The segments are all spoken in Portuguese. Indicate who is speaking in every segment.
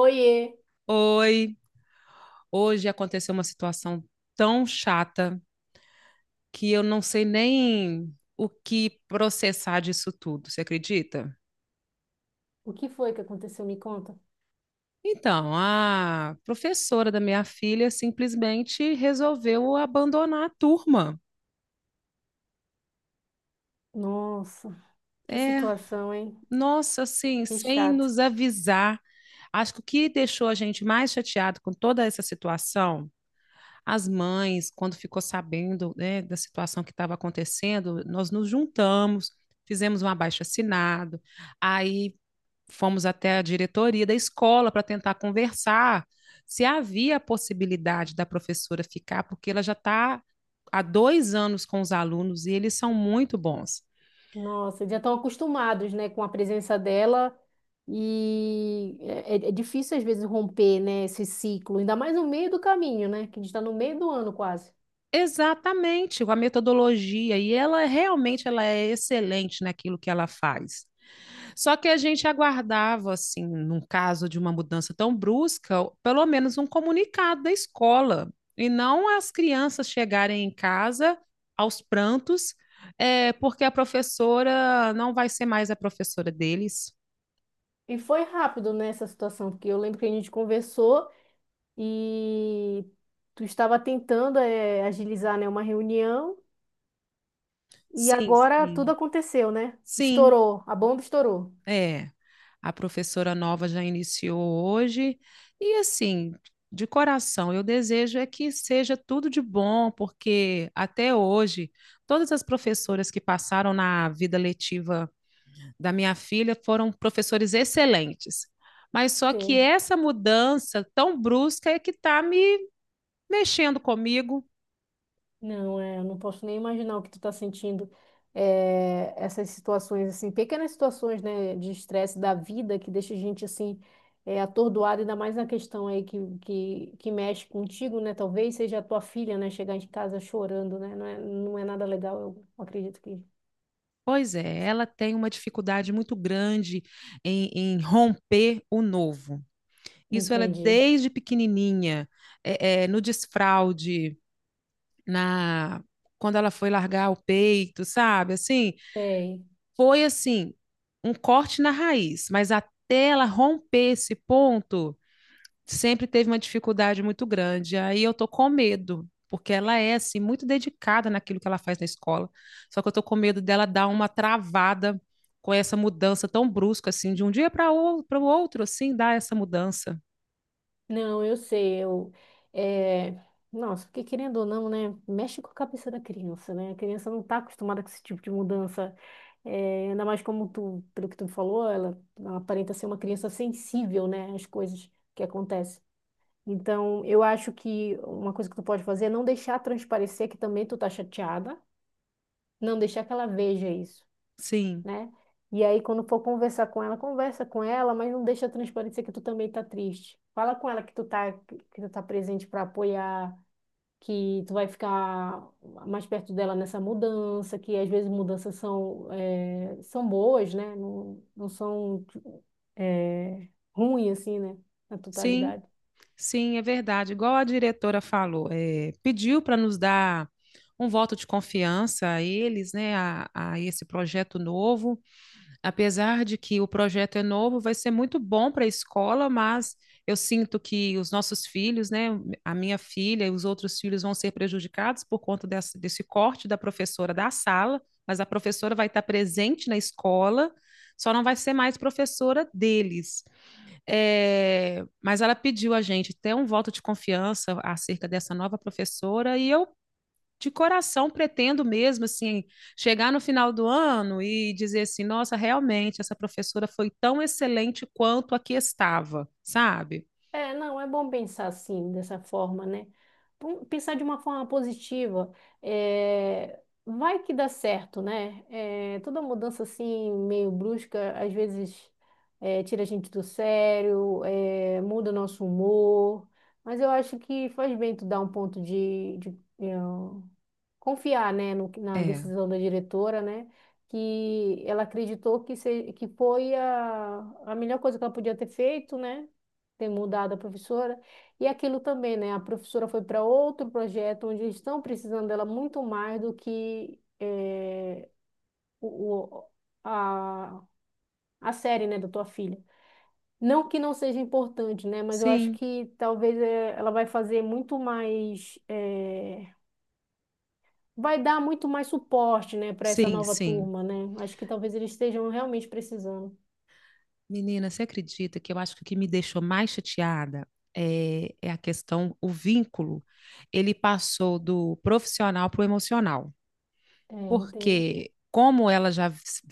Speaker 1: Oiê,
Speaker 2: Oi, hoje aconteceu uma situação tão chata que eu não sei nem o que processar disso tudo, você acredita?
Speaker 1: o que foi que aconteceu? Me conta.
Speaker 2: Então, a professora da minha filha simplesmente resolveu abandonar a turma.
Speaker 1: Nossa, que
Speaker 2: É,
Speaker 1: situação, hein?
Speaker 2: nossa, assim,
Speaker 1: Que
Speaker 2: sem
Speaker 1: chato.
Speaker 2: nos avisar. Acho que o que deixou a gente mais chateado com toda essa situação as mães, quando ficou sabendo, né, da situação que estava acontecendo, nós nos juntamos, fizemos um abaixo-assinado, aí fomos até a diretoria da escola para tentar conversar se havia a possibilidade da professora ficar, porque ela já está há 2 anos com os alunos e eles são muito bons.
Speaker 1: Nossa, já estão acostumados, né, com a presença dela e é difícil às vezes romper, né, esse ciclo, ainda mais no meio do caminho, né, que a gente está no meio do ano quase.
Speaker 2: Exatamente, com a metodologia, e ela realmente ela é excelente naquilo que ela faz. Só que a gente aguardava, assim, num caso de uma mudança tão brusca, pelo menos um comunicado da escola, e não as crianças chegarem em casa aos prantos, é, porque a professora não vai ser mais a professora deles.
Speaker 1: E foi rápido nessa situação, porque eu lembro que a gente conversou e tu estava tentando agilizar, né, uma reunião e
Speaker 2: Sim,
Speaker 1: agora tudo
Speaker 2: sim.
Speaker 1: aconteceu, né?
Speaker 2: Sim,
Speaker 1: Estourou, a bomba estourou.
Speaker 2: é, a professora nova já iniciou hoje e assim, de coração, eu desejo é que seja tudo de bom, porque até hoje todas as professoras que passaram na vida letiva da minha filha foram professores excelentes. Mas só que essa mudança tão brusca é que está me mexendo comigo.
Speaker 1: Não, é, eu não posso nem imaginar o que tu tá sentindo. É, essas situações, assim, pequenas situações, né, de estresse da vida que deixa a gente, assim, é, atordoado, ainda mais na questão aí que mexe contigo, né? Talvez seja a tua filha, né, chegar em casa chorando, né? Não é, não é nada legal, eu acredito que.
Speaker 2: Pois é, ela tem uma dificuldade muito grande em romper o novo. Isso ela é
Speaker 1: Entendi.
Speaker 2: desde pequenininha, é, é, no desfraude, na quando ela foi largar o peito, sabe? Assim,
Speaker 1: Sei.
Speaker 2: foi assim um corte na raiz, mas até ela romper esse ponto, sempre teve uma dificuldade muito grande. Aí eu tô com medo, porque ela é assim muito dedicada naquilo que ela faz na escola. Só que eu tô com medo dela dar uma travada com essa mudança tão brusca assim, de um dia para o outro, assim, dar essa mudança.
Speaker 1: Não, eu sei, eu... É... Nossa, porque querendo ou não, né, mexe com a cabeça da criança, né? A criança não tá acostumada com esse tipo de mudança. É, ainda mais como tu, pelo que tu falou, ela aparenta ser uma criança sensível, né, às coisas que acontecem. Então, eu acho que uma coisa que tu pode fazer é não deixar transparecer que também tu tá chateada, não deixar que ela veja isso,
Speaker 2: Sim,
Speaker 1: né? E aí, quando for conversar com ela, conversa com ela, mas não deixa transparecer que tu também tá triste. Fala com ela que tu tá presente para apoiar, que tu vai ficar mais perto dela nessa mudança, que às vezes mudanças são, são boas, né? Não, não são, eh, ruins, assim, né? Na
Speaker 2: sim.
Speaker 1: totalidade.
Speaker 2: Sim, é verdade. Igual a diretora falou, é, pediu para nos dar um voto de confiança a eles, né, a esse projeto novo. Apesar de que o projeto é novo, vai ser muito bom para a escola, mas eu sinto que os nossos filhos, né, a minha filha e os outros filhos vão ser prejudicados por conta desse corte da professora da sala, mas a professora vai estar presente na escola, só não vai ser mais professora deles. É, mas ela pediu a gente ter um voto de confiança acerca dessa nova professora e eu de coração pretendo mesmo assim chegar no final do ano e dizer assim, nossa, realmente essa professora foi tão excelente quanto a que estava, sabe?
Speaker 1: É, não, é bom pensar assim, dessa forma, né? Pensar de uma forma positiva. É, vai que dá certo, né? É, toda mudança assim, meio brusca, às vezes é, tira a gente do sério, é, muda o nosso humor. Mas eu acho que faz bem tu dar um ponto confiar, né, na
Speaker 2: É,
Speaker 1: decisão da diretora, né, que ela acreditou que, que foi a melhor coisa que ela podia ter feito, né, ter mudado a professora. E aquilo também, né, a professora foi para outro projeto onde eles estão precisando dela muito mais do que o, o- a, a série, né, da tua filha. Não que não seja importante, né, mas eu acho
Speaker 2: sim,
Speaker 1: que talvez ela vai fazer muito mais. Vai dar muito mais suporte, né, para essa
Speaker 2: sim,
Speaker 1: nova
Speaker 2: sim.
Speaker 1: turma, né? Acho que talvez eles estejam realmente precisando.
Speaker 2: Menina, você acredita que eu acho que o que me deixou mais chateada é a questão, o vínculo, ele passou do profissional para o emocional.
Speaker 1: É, entendo.
Speaker 2: Porque como ela já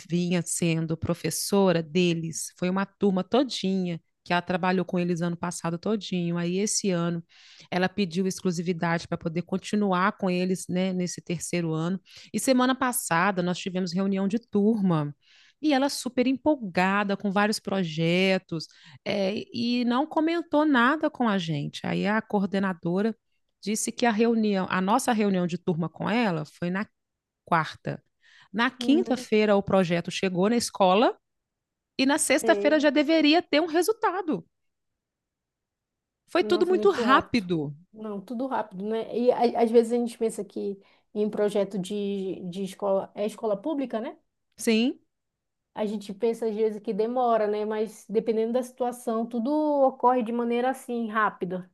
Speaker 2: vinha sendo professora deles, foi uma turma todinha que ela trabalhou com eles ano passado todinho. Aí esse ano ela pediu exclusividade para poder continuar com eles, né, nesse terceiro ano. E semana passada nós tivemos reunião de turma. E ela super empolgada com vários projetos, é, e não comentou nada com a gente. Aí a coordenadora disse que a reunião, a nossa reunião de turma com ela foi na quarta. Na
Speaker 1: Uhum,
Speaker 2: quinta-feira, o projeto chegou na escola e na sexta-feira já
Speaker 1: sei.
Speaker 2: deveria ter um resultado. Foi tudo
Speaker 1: Nossa,
Speaker 2: muito
Speaker 1: muito rápido.
Speaker 2: rápido.
Speaker 1: Não, tudo rápido, né? Às vezes a gente pensa que em projeto de escola, é escola pública, né?
Speaker 2: Sim,
Speaker 1: A gente pensa às vezes que demora, né? Mas dependendo da situação, tudo ocorre de maneira assim, rápida.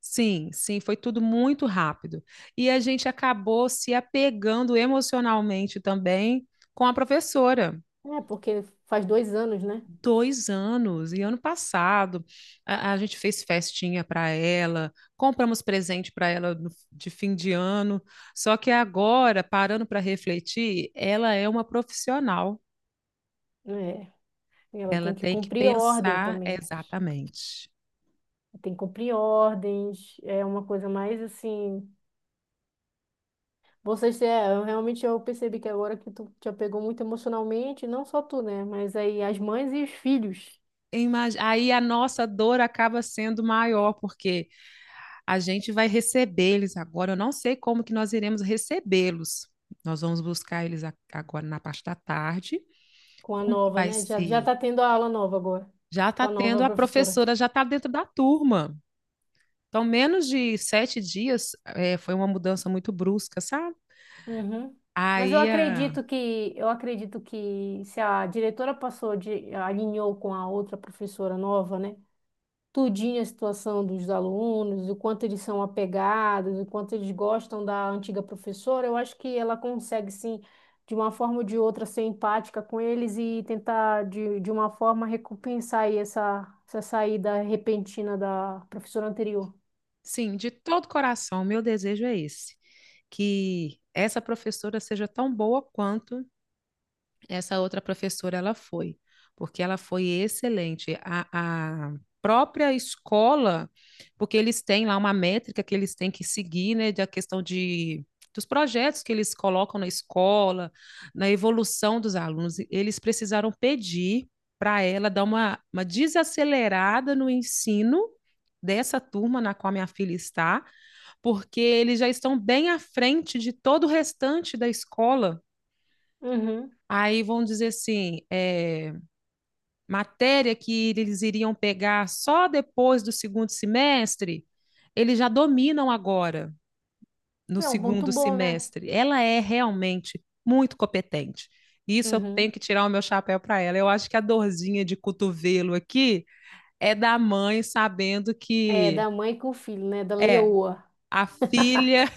Speaker 2: sim, sim, foi tudo muito rápido. E a gente acabou se apegando emocionalmente também com a professora.
Speaker 1: É, porque faz dois anos, né?
Speaker 2: Dois anos, e ano passado a gente fez festinha para ela, compramos presente para ela de fim de ano. Só que agora, parando para refletir, ela é uma profissional.
Speaker 1: É, e ela
Speaker 2: Ela
Speaker 1: tem que
Speaker 2: tem que
Speaker 1: cumprir ordem
Speaker 2: pensar
Speaker 1: também.
Speaker 2: exatamente.
Speaker 1: Tem que cumprir ordens, é uma coisa mais assim. Vocês é, eu realmente eu percebi que agora que tu te apegou muito emocionalmente, não só tu, né? Mas aí as mães e os filhos
Speaker 2: Aí a nossa dor acaba sendo maior, porque a gente vai receber eles agora. Eu não sei como que nós iremos recebê-los. Nós vamos buscar eles agora na parte da tarde.
Speaker 1: com a
Speaker 2: Como que
Speaker 1: nova,
Speaker 2: vai
Speaker 1: né? Já, já
Speaker 2: ser?
Speaker 1: tá tendo a aula nova agora,
Speaker 2: Já
Speaker 1: com
Speaker 2: está
Speaker 1: a
Speaker 2: tendo,
Speaker 1: nova
Speaker 2: a
Speaker 1: professora.
Speaker 2: professora já está dentro da turma. Então, menos de 7 dias, foi uma mudança muito brusca, sabe?
Speaker 1: Uhum. Mas
Speaker 2: Aí, ah,
Speaker 1: eu acredito que se a diretora passou de alinhou com a outra professora nova, né? Tudinho a situação dos alunos, o quanto eles são apegados, o quanto eles gostam da antiga professora, eu acho que ela consegue, sim, de uma forma ou de outra, ser empática com eles e tentar, de uma forma, recompensar aí essa saída repentina da professora anterior.
Speaker 2: sim, de todo coração, meu desejo é esse, que essa professora seja tão boa quanto. essa outra professora, ela foi, porque ela foi excelente. A própria escola, porque eles têm lá uma métrica que eles têm que seguir, né, da questão de dos projetos que eles colocam na escola, na evolução dos alunos, eles precisaram pedir para ela dar uma desacelerada no ensino dessa turma na qual minha filha está, porque eles já estão bem à frente de todo o restante da escola.
Speaker 1: Uhum.
Speaker 2: Aí vamos dizer assim, é, matéria que eles iriam pegar só depois do segundo semestre, eles já dominam agora no
Speaker 1: É um ponto
Speaker 2: segundo
Speaker 1: bom, né?
Speaker 2: semestre. Ela é realmente muito competente. Isso eu tenho que
Speaker 1: Uhum.
Speaker 2: tirar o meu chapéu para ela. Eu acho que a dorzinha de cotovelo aqui é da mãe sabendo
Speaker 1: É,
Speaker 2: que
Speaker 1: da mãe com o filho, né? Da
Speaker 2: é
Speaker 1: leoa.
Speaker 2: a filha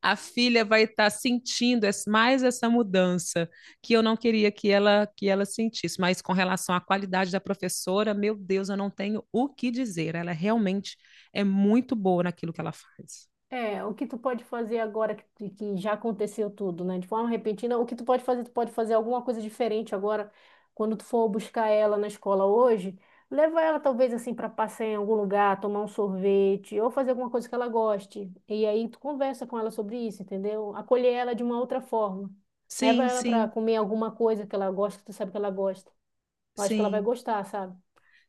Speaker 2: a filha vai estar sentindo mais essa mudança que eu não queria que ela sentisse. Mas com relação à qualidade da professora, meu Deus, eu não tenho o que dizer. Ela realmente é muito boa naquilo que ela faz.
Speaker 1: É, o que tu pode fazer agora que já aconteceu tudo, né? De forma repentina, o que tu pode fazer? Tu pode fazer alguma coisa diferente agora, quando tu for buscar ela na escola hoje, leva ela talvez assim para passear em algum lugar, tomar um sorvete ou fazer alguma coisa que ela goste. E aí tu conversa com ela sobre isso, entendeu? Acolher ela de uma outra forma. Leva
Speaker 2: Sim,
Speaker 1: ela para
Speaker 2: sim,
Speaker 1: comer alguma coisa que ela gosta, que tu sabe que ela gosta. Eu acho que ela vai
Speaker 2: sim.
Speaker 1: gostar, sabe?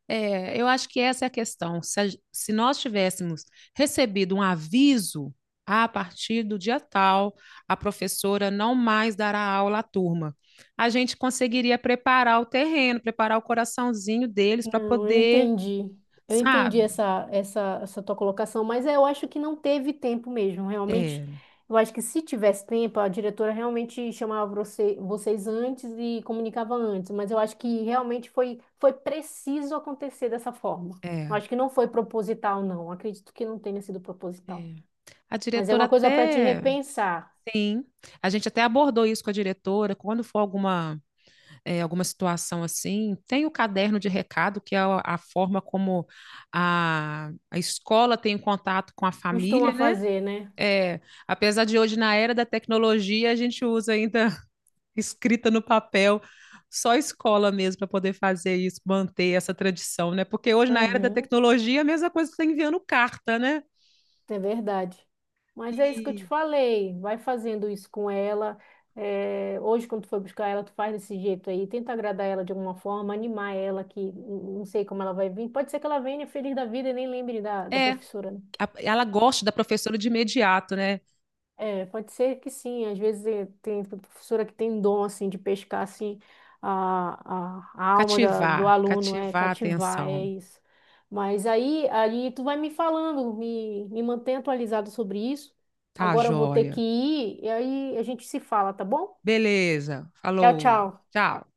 Speaker 2: É, eu acho que essa é a questão. Se nós tivéssemos recebido um aviso "Ah, a partir do dia tal, a professora não mais dará aula à turma, a gente conseguiria preparar o terreno, preparar o coraçãozinho deles para
Speaker 1: Não, eu
Speaker 2: poder,
Speaker 1: entendi. Eu entendi
Speaker 2: sabe?
Speaker 1: essa tua colocação, mas é, eu acho que não teve tempo mesmo. Realmente,
Speaker 2: É,
Speaker 1: eu acho que se tivesse tempo, a diretora realmente chamava vocês antes e comunicava antes, mas eu acho que realmente foi, foi preciso acontecer dessa forma.
Speaker 2: é,
Speaker 1: Eu acho que não foi proposital, não. Acredito que não tenha sido proposital.
Speaker 2: é. A
Speaker 1: Mas é
Speaker 2: diretora
Speaker 1: uma coisa para te
Speaker 2: até,
Speaker 1: repensar.
Speaker 2: sim, a gente até abordou isso com a diretora, quando for alguma é, alguma situação assim, tem o caderno de recado, que é a forma como a escola tem contato com a família,
Speaker 1: Costuma
Speaker 2: né?
Speaker 1: fazer, né?
Speaker 2: É, apesar de hoje, na era da tecnologia, a gente usa ainda escrita no papel, só a escola mesmo para poder fazer isso, manter essa tradição, né? Porque hoje, na era da
Speaker 1: Uhum.
Speaker 2: tecnologia, é a mesma coisa que você tá enviando carta, né?
Speaker 1: É verdade. Mas é isso que eu te
Speaker 2: E
Speaker 1: falei. Vai fazendo isso com ela. É, hoje, quando tu for buscar ela, tu faz desse jeito aí. Tenta agradar ela de alguma forma, animar ela, não sei como ela vai vir. Pode ser que ela venha feliz da vida e nem lembre da
Speaker 2: é,
Speaker 1: professora, né?
Speaker 2: ela gosta da professora de imediato, né?
Speaker 1: É, pode ser que sim. Às vezes tem professora que tem dom assim de pescar assim a alma do
Speaker 2: Cativar,
Speaker 1: aluno, é
Speaker 2: cativar a
Speaker 1: cativar, é
Speaker 2: atenção.
Speaker 1: isso. Mas aí, aí tu vai me falando, me mantém atualizado sobre isso.
Speaker 2: Tá,
Speaker 1: Agora eu vou ter que
Speaker 2: joia.
Speaker 1: ir e aí a gente se fala, tá bom?
Speaker 2: Beleza,
Speaker 1: Tchau,
Speaker 2: falou,
Speaker 1: tchau.
Speaker 2: tchau.